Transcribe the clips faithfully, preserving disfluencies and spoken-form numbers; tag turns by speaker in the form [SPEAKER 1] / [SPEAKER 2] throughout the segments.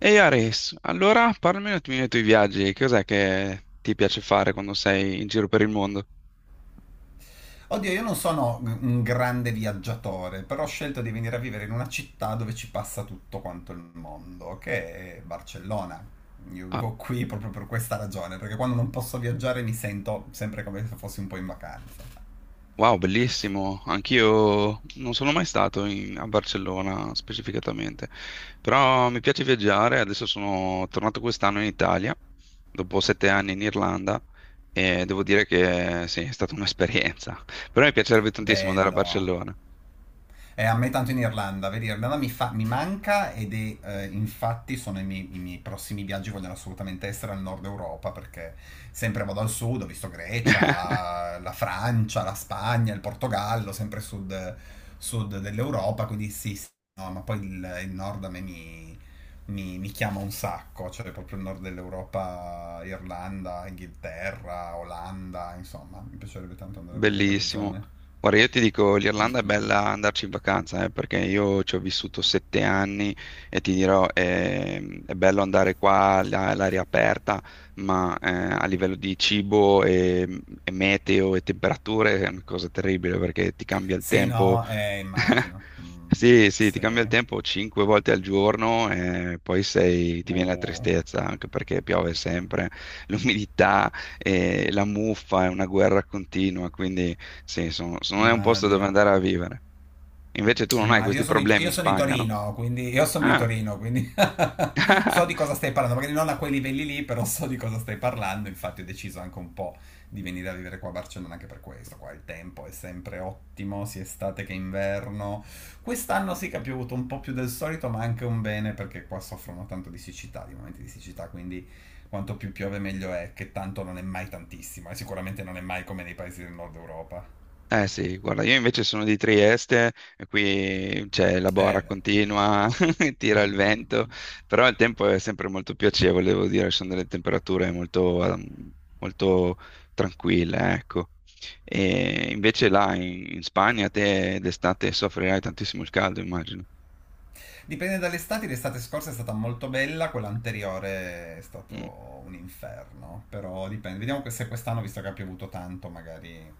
[SPEAKER 1] Ehi Ares, allora parlami un attimino dei tuoi viaggi, cos'è che ti piace fare quando sei in giro per il mondo?
[SPEAKER 2] Oddio, io non sono un grande viaggiatore, però ho scelto di venire a vivere in una città dove ci passa tutto quanto il mondo, che è Barcellona. Io
[SPEAKER 1] Ah,
[SPEAKER 2] vivo qui proprio per questa ragione, perché quando non posso viaggiare mi sento sempre come se fossi un po' in vacanza.
[SPEAKER 1] wow, bellissimo, anch'io non sono mai stato in- a Barcellona specificatamente, però mi piace viaggiare, adesso sono tornato quest'anno in Italia, dopo sette anni in Irlanda, e devo dire che sì, è stata un'esperienza, però mi piacerebbe tantissimo andare a
[SPEAKER 2] Bello.
[SPEAKER 1] Barcellona.
[SPEAKER 2] Eh, a me tanto in Irlanda, vedi, Irlanda mi, fa- mi manca ed è, eh, infatti sono i miei, i miei prossimi viaggi, vogliono assolutamente essere al nord Europa perché sempre vado al sud, ho visto Grecia, la Francia, la Spagna, il Portogallo, sempre sud, sud dell'Europa, quindi sì, sì, no, ma poi il, il nord a me mi, mi- mi chiama un sacco, cioè proprio il nord dell'Europa, Irlanda, Inghilterra, Olanda, insomma, mi piacerebbe tanto andare a vedere quelle
[SPEAKER 1] Bellissimo.
[SPEAKER 2] zone.
[SPEAKER 1] Guarda, io ti dico,
[SPEAKER 2] Mm,
[SPEAKER 1] l'Irlanda è
[SPEAKER 2] mm, mm.
[SPEAKER 1] bella andarci in vacanza, eh, perché io ci ho vissuto sette anni e ti dirò, ehm, è, bello andare qua là, all'aria aperta, ma eh, a livello di cibo e, e meteo e temperature è una cosa terribile perché ti cambia il
[SPEAKER 2] Sì,
[SPEAKER 1] tempo.
[SPEAKER 2] no, eh, immagino. Mm,
[SPEAKER 1] Sì, sì, ti cambia il
[SPEAKER 2] sì.
[SPEAKER 1] tempo cinque volte al giorno e poi sei- ti viene la
[SPEAKER 2] Uh,
[SPEAKER 1] tristezza, anche perché piove sempre, l'umidità, e la muffa è una guerra continua, quindi sì, sono- sono- non è un posto dove
[SPEAKER 2] immagino.
[SPEAKER 1] andare a vivere. Invece tu non hai
[SPEAKER 2] Immagino,
[SPEAKER 1] questi
[SPEAKER 2] io sono di, To-
[SPEAKER 1] problemi
[SPEAKER 2] io
[SPEAKER 1] in
[SPEAKER 2] sono di
[SPEAKER 1] Spagna, no?
[SPEAKER 2] Torino, quindi io sono di
[SPEAKER 1] Ah,
[SPEAKER 2] Torino, quindi so di cosa stai parlando, magari non a quei livelli lì, però so di cosa stai parlando, infatti ho deciso anche un po' di venire a vivere qua a Barcellona anche per questo, qua il tempo è sempre ottimo, sia estate che inverno. Quest'anno sì che ha piovuto un po' più del solito, ma anche un bene perché qua soffrono tanto di siccità, di momenti di siccità, quindi quanto più piove meglio è, che tanto non è mai tantissimo, e sicuramente non è mai come nei paesi del nord Europa.
[SPEAKER 1] eh sì, guarda, io invece sono di Trieste, e qui c'è la
[SPEAKER 2] Eh
[SPEAKER 1] bora
[SPEAKER 2] beh.
[SPEAKER 1] continua, tira il vento,
[SPEAKER 2] Mm.
[SPEAKER 1] però il tempo è sempre molto piacevole, devo dire, sono delle temperature molto, ehm, molto tranquille, ecco. E invece là in, in Spagna te d'estate soffrirai tantissimo il caldo, immagino.
[SPEAKER 2] Dipende dall'estate, l'estate scorsa è stata molto bella, quella anteriore è
[SPEAKER 1] Mm.
[SPEAKER 2] stato un inferno, però dipende. Vediamo se quest'anno, visto che ha piovuto tanto, magari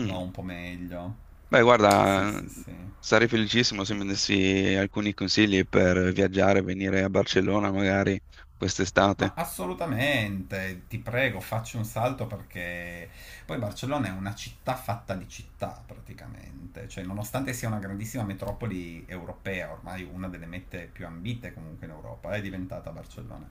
[SPEAKER 2] va un po' meglio.
[SPEAKER 1] Beh,
[SPEAKER 2] Sì,
[SPEAKER 1] guarda,
[SPEAKER 2] sì, sì.
[SPEAKER 1] sarei felicissimo se mi dessi alcuni consigli per viaggiare, venire a Barcellona magari quest'estate.
[SPEAKER 2] Ma assolutamente, ti prego, facci un salto perché poi Barcellona è una città fatta di città praticamente, cioè nonostante sia una grandissima metropoli europea, ormai una delle mete più ambite comunque in Europa, è diventata Barcellona.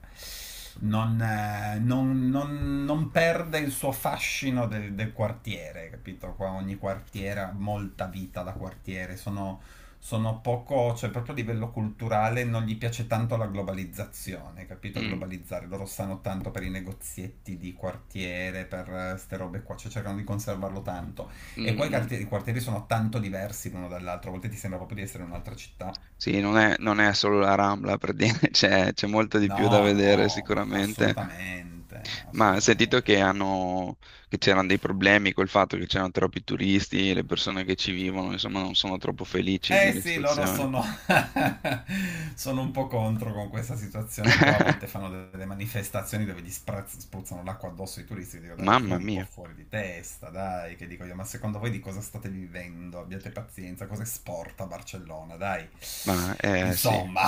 [SPEAKER 2] Non, eh, non- non- non perde il suo fascino del, del quartiere, capito? Qua ogni quartiere ha molta vita da quartiere, sono sono poco, cioè proprio a livello culturale non gli piace tanto la globalizzazione, capito?
[SPEAKER 1] Mm.
[SPEAKER 2] Globalizzare, loro stanno tanto per i negozietti di quartiere, per queste robe qua, cioè cercano di conservarlo tanto. E
[SPEAKER 1] Mm,
[SPEAKER 2] poi i
[SPEAKER 1] mm.
[SPEAKER 2] quartieri, i quartieri sono tanto diversi l'uno dall'altro, a volte ti sembra proprio di essere in un'altra città.
[SPEAKER 1] Sì, non è, non è solo la Rambla, per dire, c'è c'è molto di più da
[SPEAKER 2] No,
[SPEAKER 1] vedere
[SPEAKER 2] no,
[SPEAKER 1] sicuramente,
[SPEAKER 2] assolutamente,
[SPEAKER 1] ma ho sentito
[SPEAKER 2] assolutamente.
[SPEAKER 1] che hanno, che c'erano dei problemi col fatto che c'erano troppi turisti, e le persone che ci vivono, insomma, non sono troppo felici
[SPEAKER 2] Eh
[SPEAKER 1] delle
[SPEAKER 2] sì, loro
[SPEAKER 1] situazioni.
[SPEAKER 2] sono, sono un po' contro con questa situazione qua, a volte fanno de- delle manifestazioni dove gli spra- spruzzano l'acqua addosso ai turisti, dico dai, siete
[SPEAKER 1] Mamma
[SPEAKER 2] un po'
[SPEAKER 1] mia,
[SPEAKER 2] fuori di testa, dai, che dico io, ma secondo voi di cosa state vivendo? Abbiate pazienza, cosa è sport a Barcellona, dai.
[SPEAKER 1] ma eh sì.
[SPEAKER 2] Insomma,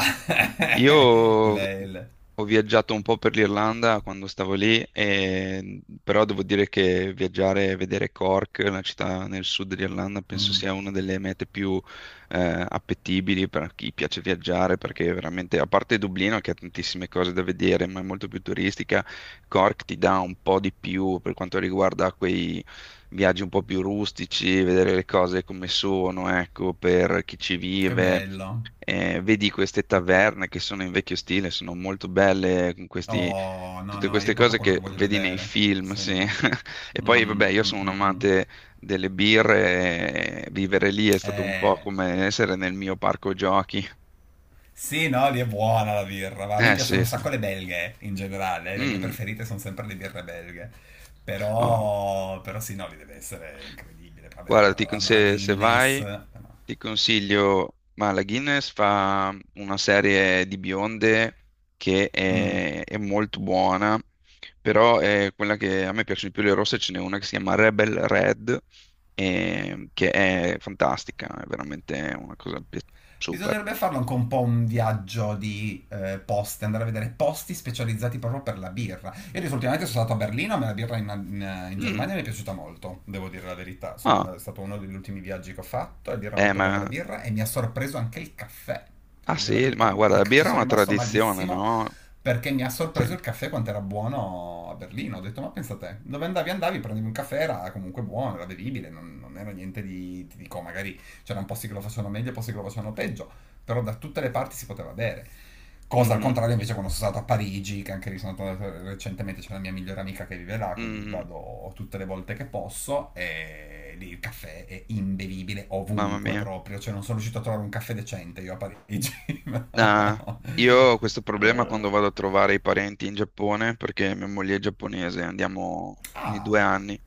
[SPEAKER 1] Io
[SPEAKER 2] il, il-
[SPEAKER 1] ho viaggiato un po' per l'Irlanda quando stavo lì, e- però devo dire che viaggiare e vedere Cork, la città nel sud dell'Irlanda, penso
[SPEAKER 2] Mm,
[SPEAKER 1] sia una delle mete più eh, appetibili per chi piace viaggiare, perché veramente, a parte Dublino che ha tantissime cose da vedere, ma è molto più turistica, Cork ti dà un po' di più per quanto riguarda quei viaggi un po' più rustici, vedere le cose come sono, ecco, per chi ci
[SPEAKER 2] che
[SPEAKER 1] vive
[SPEAKER 2] bello.
[SPEAKER 1] eh, vedi queste taverne che sono in vecchio stile, sono molto belle, con questi,
[SPEAKER 2] Oh, no,
[SPEAKER 1] tutte
[SPEAKER 2] no, io
[SPEAKER 1] queste
[SPEAKER 2] è proprio
[SPEAKER 1] cose
[SPEAKER 2] quello che
[SPEAKER 1] che
[SPEAKER 2] voglio
[SPEAKER 1] vedi nei
[SPEAKER 2] vedere.
[SPEAKER 1] film,
[SPEAKER 2] Sì.
[SPEAKER 1] sì.
[SPEAKER 2] Mm,
[SPEAKER 1] E poi,
[SPEAKER 2] mm,
[SPEAKER 1] vabbè, io sono un
[SPEAKER 2] mm, mm.
[SPEAKER 1] amante delle birre, e vivere lì è stato un po'
[SPEAKER 2] Eh.
[SPEAKER 1] come essere nel mio parco giochi.
[SPEAKER 2] Sì, no, lì è buona la birra, ma a me
[SPEAKER 1] Eh
[SPEAKER 2] piacciono
[SPEAKER 1] sì,
[SPEAKER 2] un
[SPEAKER 1] sì.
[SPEAKER 2] sacco le belghe in generale, le mie
[SPEAKER 1] Mm.
[SPEAKER 2] preferite sono sempre le birre belghe.
[SPEAKER 1] Oh,
[SPEAKER 2] Però, però sì, no, lì deve essere incredibile. Vabbè,
[SPEAKER 1] guarda, ti con-
[SPEAKER 2] hanno la
[SPEAKER 1] se, se
[SPEAKER 2] Guinness.
[SPEAKER 1] vai.
[SPEAKER 2] Però...
[SPEAKER 1] Ti consiglio, ma la Guinness fa una serie di bionde che
[SPEAKER 2] Mm.
[SPEAKER 1] è, è molto buona, però è quella che a me piacciono di più le rosse, ce n'è una che si chiama Rebel Red, e- che è fantastica, è veramente una cosa pi- super.
[SPEAKER 2] Bisognerebbe farlo anche un po' un viaggio di eh, poste, andare a vedere posti specializzati proprio per la birra. Io adesso ultimamente sono stato a Berlino, ma la birra in, in- in
[SPEAKER 1] Mm,
[SPEAKER 2] Germania mi è piaciuta molto, devo dire la verità. Sono
[SPEAKER 1] ah,
[SPEAKER 2] andato- è stato uno degli ultimi viaggi che ho fatto, ed era
[SPEAKER 1] eh,
[SPEAKER 2] molto buona
[SPEAKER 1] ma,
[SPEAKER 2] la birra e mi ha sorpreso anche il caffè. Ti
[SPEAKER 1] ah
[SPEAKER 2] Devo dire la
[SPEAKER 1] sì, ma
[SPEAKER 2] verità,
[SPEAKER 1] guarda, la
[SPEAKER 2] Mark, ci
[SPEAKER 1] birra è
[SPEAKER 2] sono
[SPEAKER 1] una
[SPEAKER 2] rimasto
[SPEAKER 1] tradizione,
[SPEAKER 2] malissimo
[SPEAKER 1] no?
[SPEAKER 2] perché mi ha sorpreso
[SPEAKER 1] Sì.
[SPEAKER 2] il caffè quanto era buono a Berlino. Ho detto, ma pensa te, dove andavi andavi, prendevi un caffè, era comunque buono, era bevibile, non, non era niente di, ti dico, magari c'erano posti che lo facevano meglio, e posti che lo facevano peggio, però da tutte le parti si poteva bere. Cosa al
[SPEAKER 1] Mhm,
[SPEAKER 2] contrario invece quando sono stato a Parigi, che anche lì sono andato recentemente, c'è la mia migliore amica che vive là, quindi
[SPEAKER 1] mm,
[SPEAKER 2] vado tutte le volte che posso e lì il caffè è imbevibile
[SPEAKER 1] mamma
[SPEAKER 2] ovunque
[SPEAKER 1] mia.
[SPEAKER 2] proprio, cioè non sono riuscito a trovare un caffè decente io a Parigi.
[SPEAKER 1] Nah,
[SPEAKER 2] No.
[SPEAKER 1] io ho questo problema quando vado a trovare i parenti in Giappone perché mia moglie è giapponese, andiamo ogni
[SPEAKER 2] Ah,
[SPEAKER 1] due anni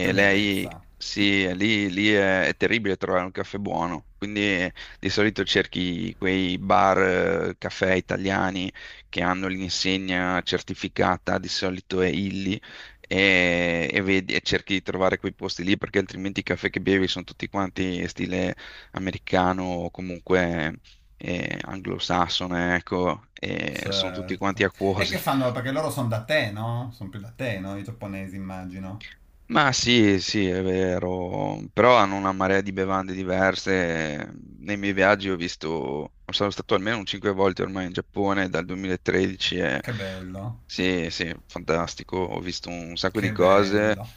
[SPEAKER 2] che
[SPEAKER 1] lei,
[SPEAKER 2] bellezza.
[SPEAKER 1] sì, è lì, lì è, è terribile trovare un caffè buono, quindi di solito cerchi quei bar, eh, caffè italiani che hanno l'insegna certificata, di solito è Illy, e, e vedi- e cerchi di trovare quei posti lì perché altrimenti i caffè che bevi sono tutti quanti stile americano o comunque eh, anglosassone, ecco, e sono tutti quanti
[SPEAKER 2] Certo. E
[SPEAKER 1] acquosi.
[SPEAKER 2] che fanno? Perché loro sono da te, no? Sono più da te, no? I giapponesi immagino.
[SPEAKER 1] Ma sì, sì, è vero, però hanno una marea di bevande diverse. Nei miei viaggi ho visto, sono stato almeno un cinque volte ormai in Giappone dal duemilatredici e
[SPEAKER 2] Che bello,
[SPEAKER 1] sì, sì, fantastico, ho visto un sacco di
[SPEAKER 2] che
[SPEAKER 1] cose
[SPEAKER 2] bello.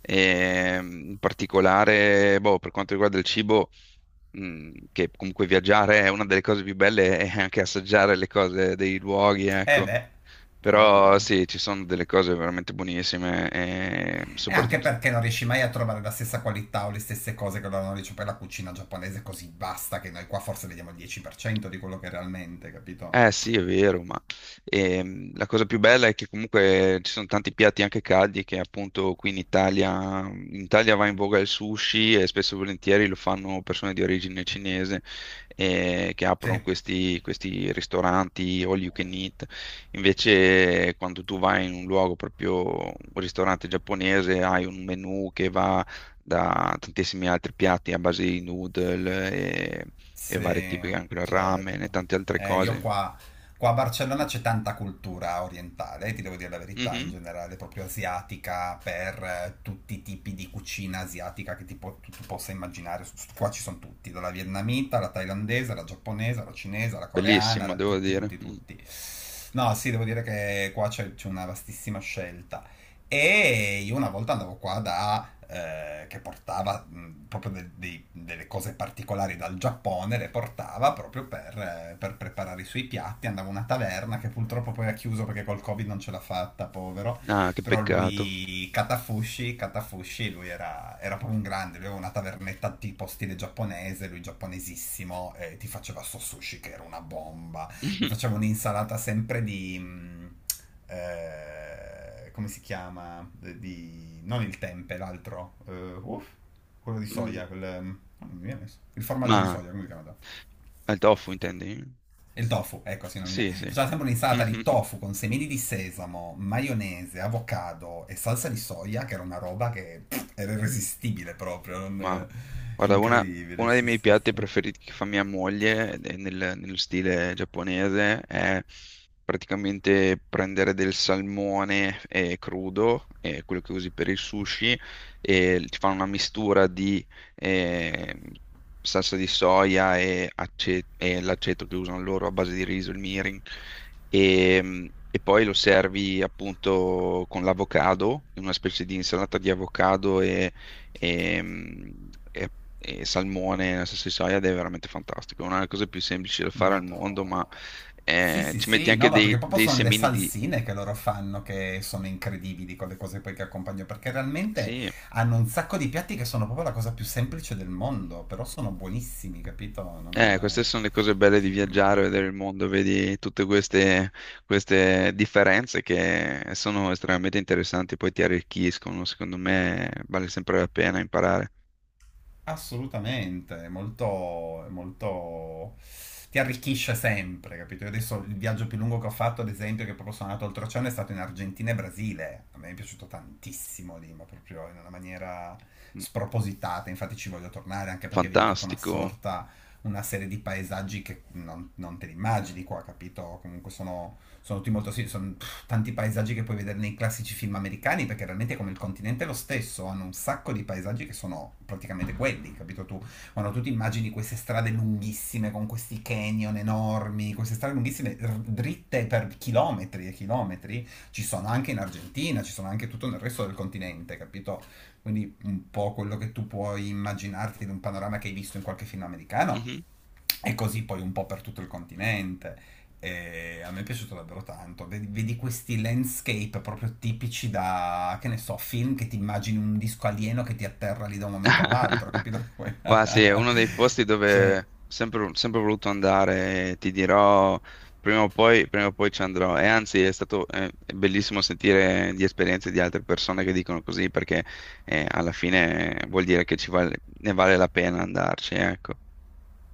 [SPEAKER 1] e in particolare, boh, per quanto riguarda il cibo, mh, che comunque viaggiare è una delle cose più belle, è anche assaggiare le cose dei luoghi,
[SPEAKER 2] Eh
[SPEAKER 1] ecco.
[SPEAKER 2] beh,
[SPEAKER 1] Però
[SPEAKER 2] ovvio.
[SPEAKER 1] sì, ci sono delle cose veramente buonissime e
[SPEAKER 2] E anche
[SPEAKER 1] soprattutto.
[SPEAKER 2] perché non riesci mai a trovare la stessa qualità o le stesse cose che loro hanno dice per la cucina giaponese così basta che noi qua forse vediamo il dieci per cento di quello che realmente,
[SPEAKER 1] Eh
[SPEAKER 2] capito?
[SPEAKER 1] sì, è vero, ma ehm, la cosa più bella è che comunque ci sono tanti piatti anche caldi che appunto qui in Italia, in Italia va in voga il sushi e spesso e volentieri lo fanno persone di origine cinese eh, che aprono
[SPEAKER 2] Sì.
[SPEAKER 1] questi, questi, ristoranti all you can eat. Invece quando tu vai in un luogo proprio un ristorante giapponese hai un menù che va da tantissimi altri piatti a base di noodle e, e vari
[SPEAKER 2] Sì,
[SPEAKER 1] tipi, anche il ramen e
[SPEAKER 2] certo.
[SPEAKER 1] tante altre
[SPEAKER 2] Eh, io
[SPEAKER 1] cose.
[SPEAKER 2] qua, qua a Barcellona c'è tanta cultura orientale, eh, ti devo dire la verità, in
[SPEAKER 1] Mhm.
[SPEAKER 2] generale, proprio asiatica, per eh, tutti i tipi di cucina asiatica che ti po- tu, tu possa immaginare. S- Qua ci sono tutti, dalla vietnamita alla thailandese, alla giapponese, alla cinese, alla coreana,
[SPEAKER 1] Bellissimo,
[SPEAKER 2] alla-
[SPEAKER 1] devo
[SPEAKER 2] tutti,
[SPEAKER 1] dire.
[SPEAKER 2] tutti,
[SPEAKER 1] Mm.
[SPEAKER 2] tutti. No, sì, devo dire che qua c'è c'è una vastissima scelta. E io una volta andavo qua da, eh, che portava mh, proprio de- dei- delle cose particolari dal Giappone, le portava proprio per, eh, per preparare i suoi piatti. Andavo a una taverna che purtroppo poi ha chiuso perché col Covid non ce l'ha fatta, povero.
[SPEAKER 1] Ah, che
[SPEAKER 2] Però
[SPEAKER 1] peccato.
[SPEAKER 2] lui, Katafushi, Katafushi, lui era, era proprio un grande, lui aveva una tavernetta tipo stile giapponese, lui giapponesissimo, e ti faceva sto sushi che era una bomba. Mi facevo un'insalata sempre di... mh, eh, come si chiama? Di... non il tempe, l'altro. Eh, uff, quello di
[SPEAKER 1] Mm.
[SPEAKER 2] soia, quel... ehm, non mi viene messo. Il formaggio di
[SPEAKER 1] Ma
[SPEAKER 2] soia, come si chiama?
[SPEAKER 1] al tofu intendi?
[SPEAKER 2] Il tofu, ecco, sì, non mi viene.
[SPEAKER 1] Sì, sì.
[SPEAKER 2] Faceva sempre un'insalata di tofu con semini di sesamo, maionese, avocado e salsa di soia, che era una roba che pff, era irresistibile proprio, non-
[SPEAKER 1] Ma
[SPEAKER 2] eh,
[SPEAKER 1] guarda, una,
[SPEAKER 2] incredibile,
[SPEAKER 1] uno dei
[SPEAKER 2] sì,
[SPEAKER 1] miei
[SPEAKER 2] sì,
[SPEAKER 1] piatti
[SPEAKER 2] sì.
[SPEAKER 1] preferiti che fa mia moglie ed è nel- nello stile giapponese è praticamente prendere del salmone eh, crudo, eh, quello che usi per il sushi, e ti fa una mistura di eh, salsa di soia e, ace- e l'aceto che usano loro a base di riso, il mirin, e, e poi lo servi appunto con l'avocado, in una specie di insalata di avocado e, mh, e- e salmone nella salsa di soia ed è veramente fantastico. È una delle cose più semplici da fare al
[SPEAKER 2] Madò.
[SPEAKER 1] mondo, ma
[SPEAKER 2] Sì,
[SPEAKER 1] eh,
[SPEAKER 2] sì,
[SPEAKER 1] ci metti
[SPEAKER 2] sì, no,
[SPEAKER 1] anche
[SPEAKER 2] ma perché
[SPEAKER 1] dei,
[SPEAKER 2] proprio
[SPEAKER 1] dei
[SPEAKER 2] sono le
[SPEAKER 1] semini di...
[SPEAKER 2] salsine che loro fanno che sono incredibili con le cose poi che accompagno, perché realmente
[SPEAKER 1] Sì,
[SPEAKER 2] hanno un sacco di piatti che sono proprio la cosa più semplice del mondo, però sono buonissimi, capito?
[SPEAKER 1] eh, queste
[SPEAKER 2] Non...
[SPEAKER 1] sono le cose belle di viaggiare, vedere il mondo, vedi tutte queste, queste differenze che sono estremamente interessanti, poi ti arricchiscono, secondo me vale sempre la pena imparare.
[SPEAKER 2] Assolutamente, è molto, è molto... ti arricchisce sempre, capito? Io adesso il viaggio più lungo che ho fatto, ad esempio, che proprio sono andato oltreoceano, è stato in Argentina e Brasile. A me è piaciuto tantissimo lì, ma proprio in una maniera
[SPEAKER 1] Mm,
[SPEAKER 2] spropositata. Infatti ci voglio tornare anche perché vedi tutta una
[SPEAKER 1] Fantastico.
[SPEAKER 2] sorta, una serie di paesaggi che non, non te li immagini qua, capito? Comunque sono, sono tutti molto, sì, sono tanti paesaggi che puoi vedere nei classici film americani, perché realmente come il continente è lo stesso, hanno un sacco di paesaggi che sono praticamente quelli, capito tu? Quando tu ti immagini queste strade lunghissime con questi canyon enormi, queste strade lunghissime r- dritte per chilometri e chilometri, ci sono anche in Argentina, ci sono anche tutto nel resto del continente, capito? Quindi un po' quello che tu puoi immaginarti di un panorama che hai visto in qualche film americano
[SPEAKER 1] Mhm.
[SPEAKER 2] e così poi un po' per tutto il continente. E a me è piaciuto davvero tanto. Vedi, vedi questi landscape proprio tipici da, che ne so, film che ti immagini un disco alieno che ti atterra lì da un momento all'altro, capito?
[SPEAKER 1] Ma sì, è uno dei posti dove ho
[SPEAKER 2] Cioè,
[SPEAKER 1] sempre, sempre voluto andare, e ti dirò, prima o poi, prima o poi ci andrò. E anzi, è stato eh, è bellissimo sentire di esperienze di altre persone che dicono così, perché eh, alla fine vuol dire che ci vale- ne vale la pena andarci, ecco.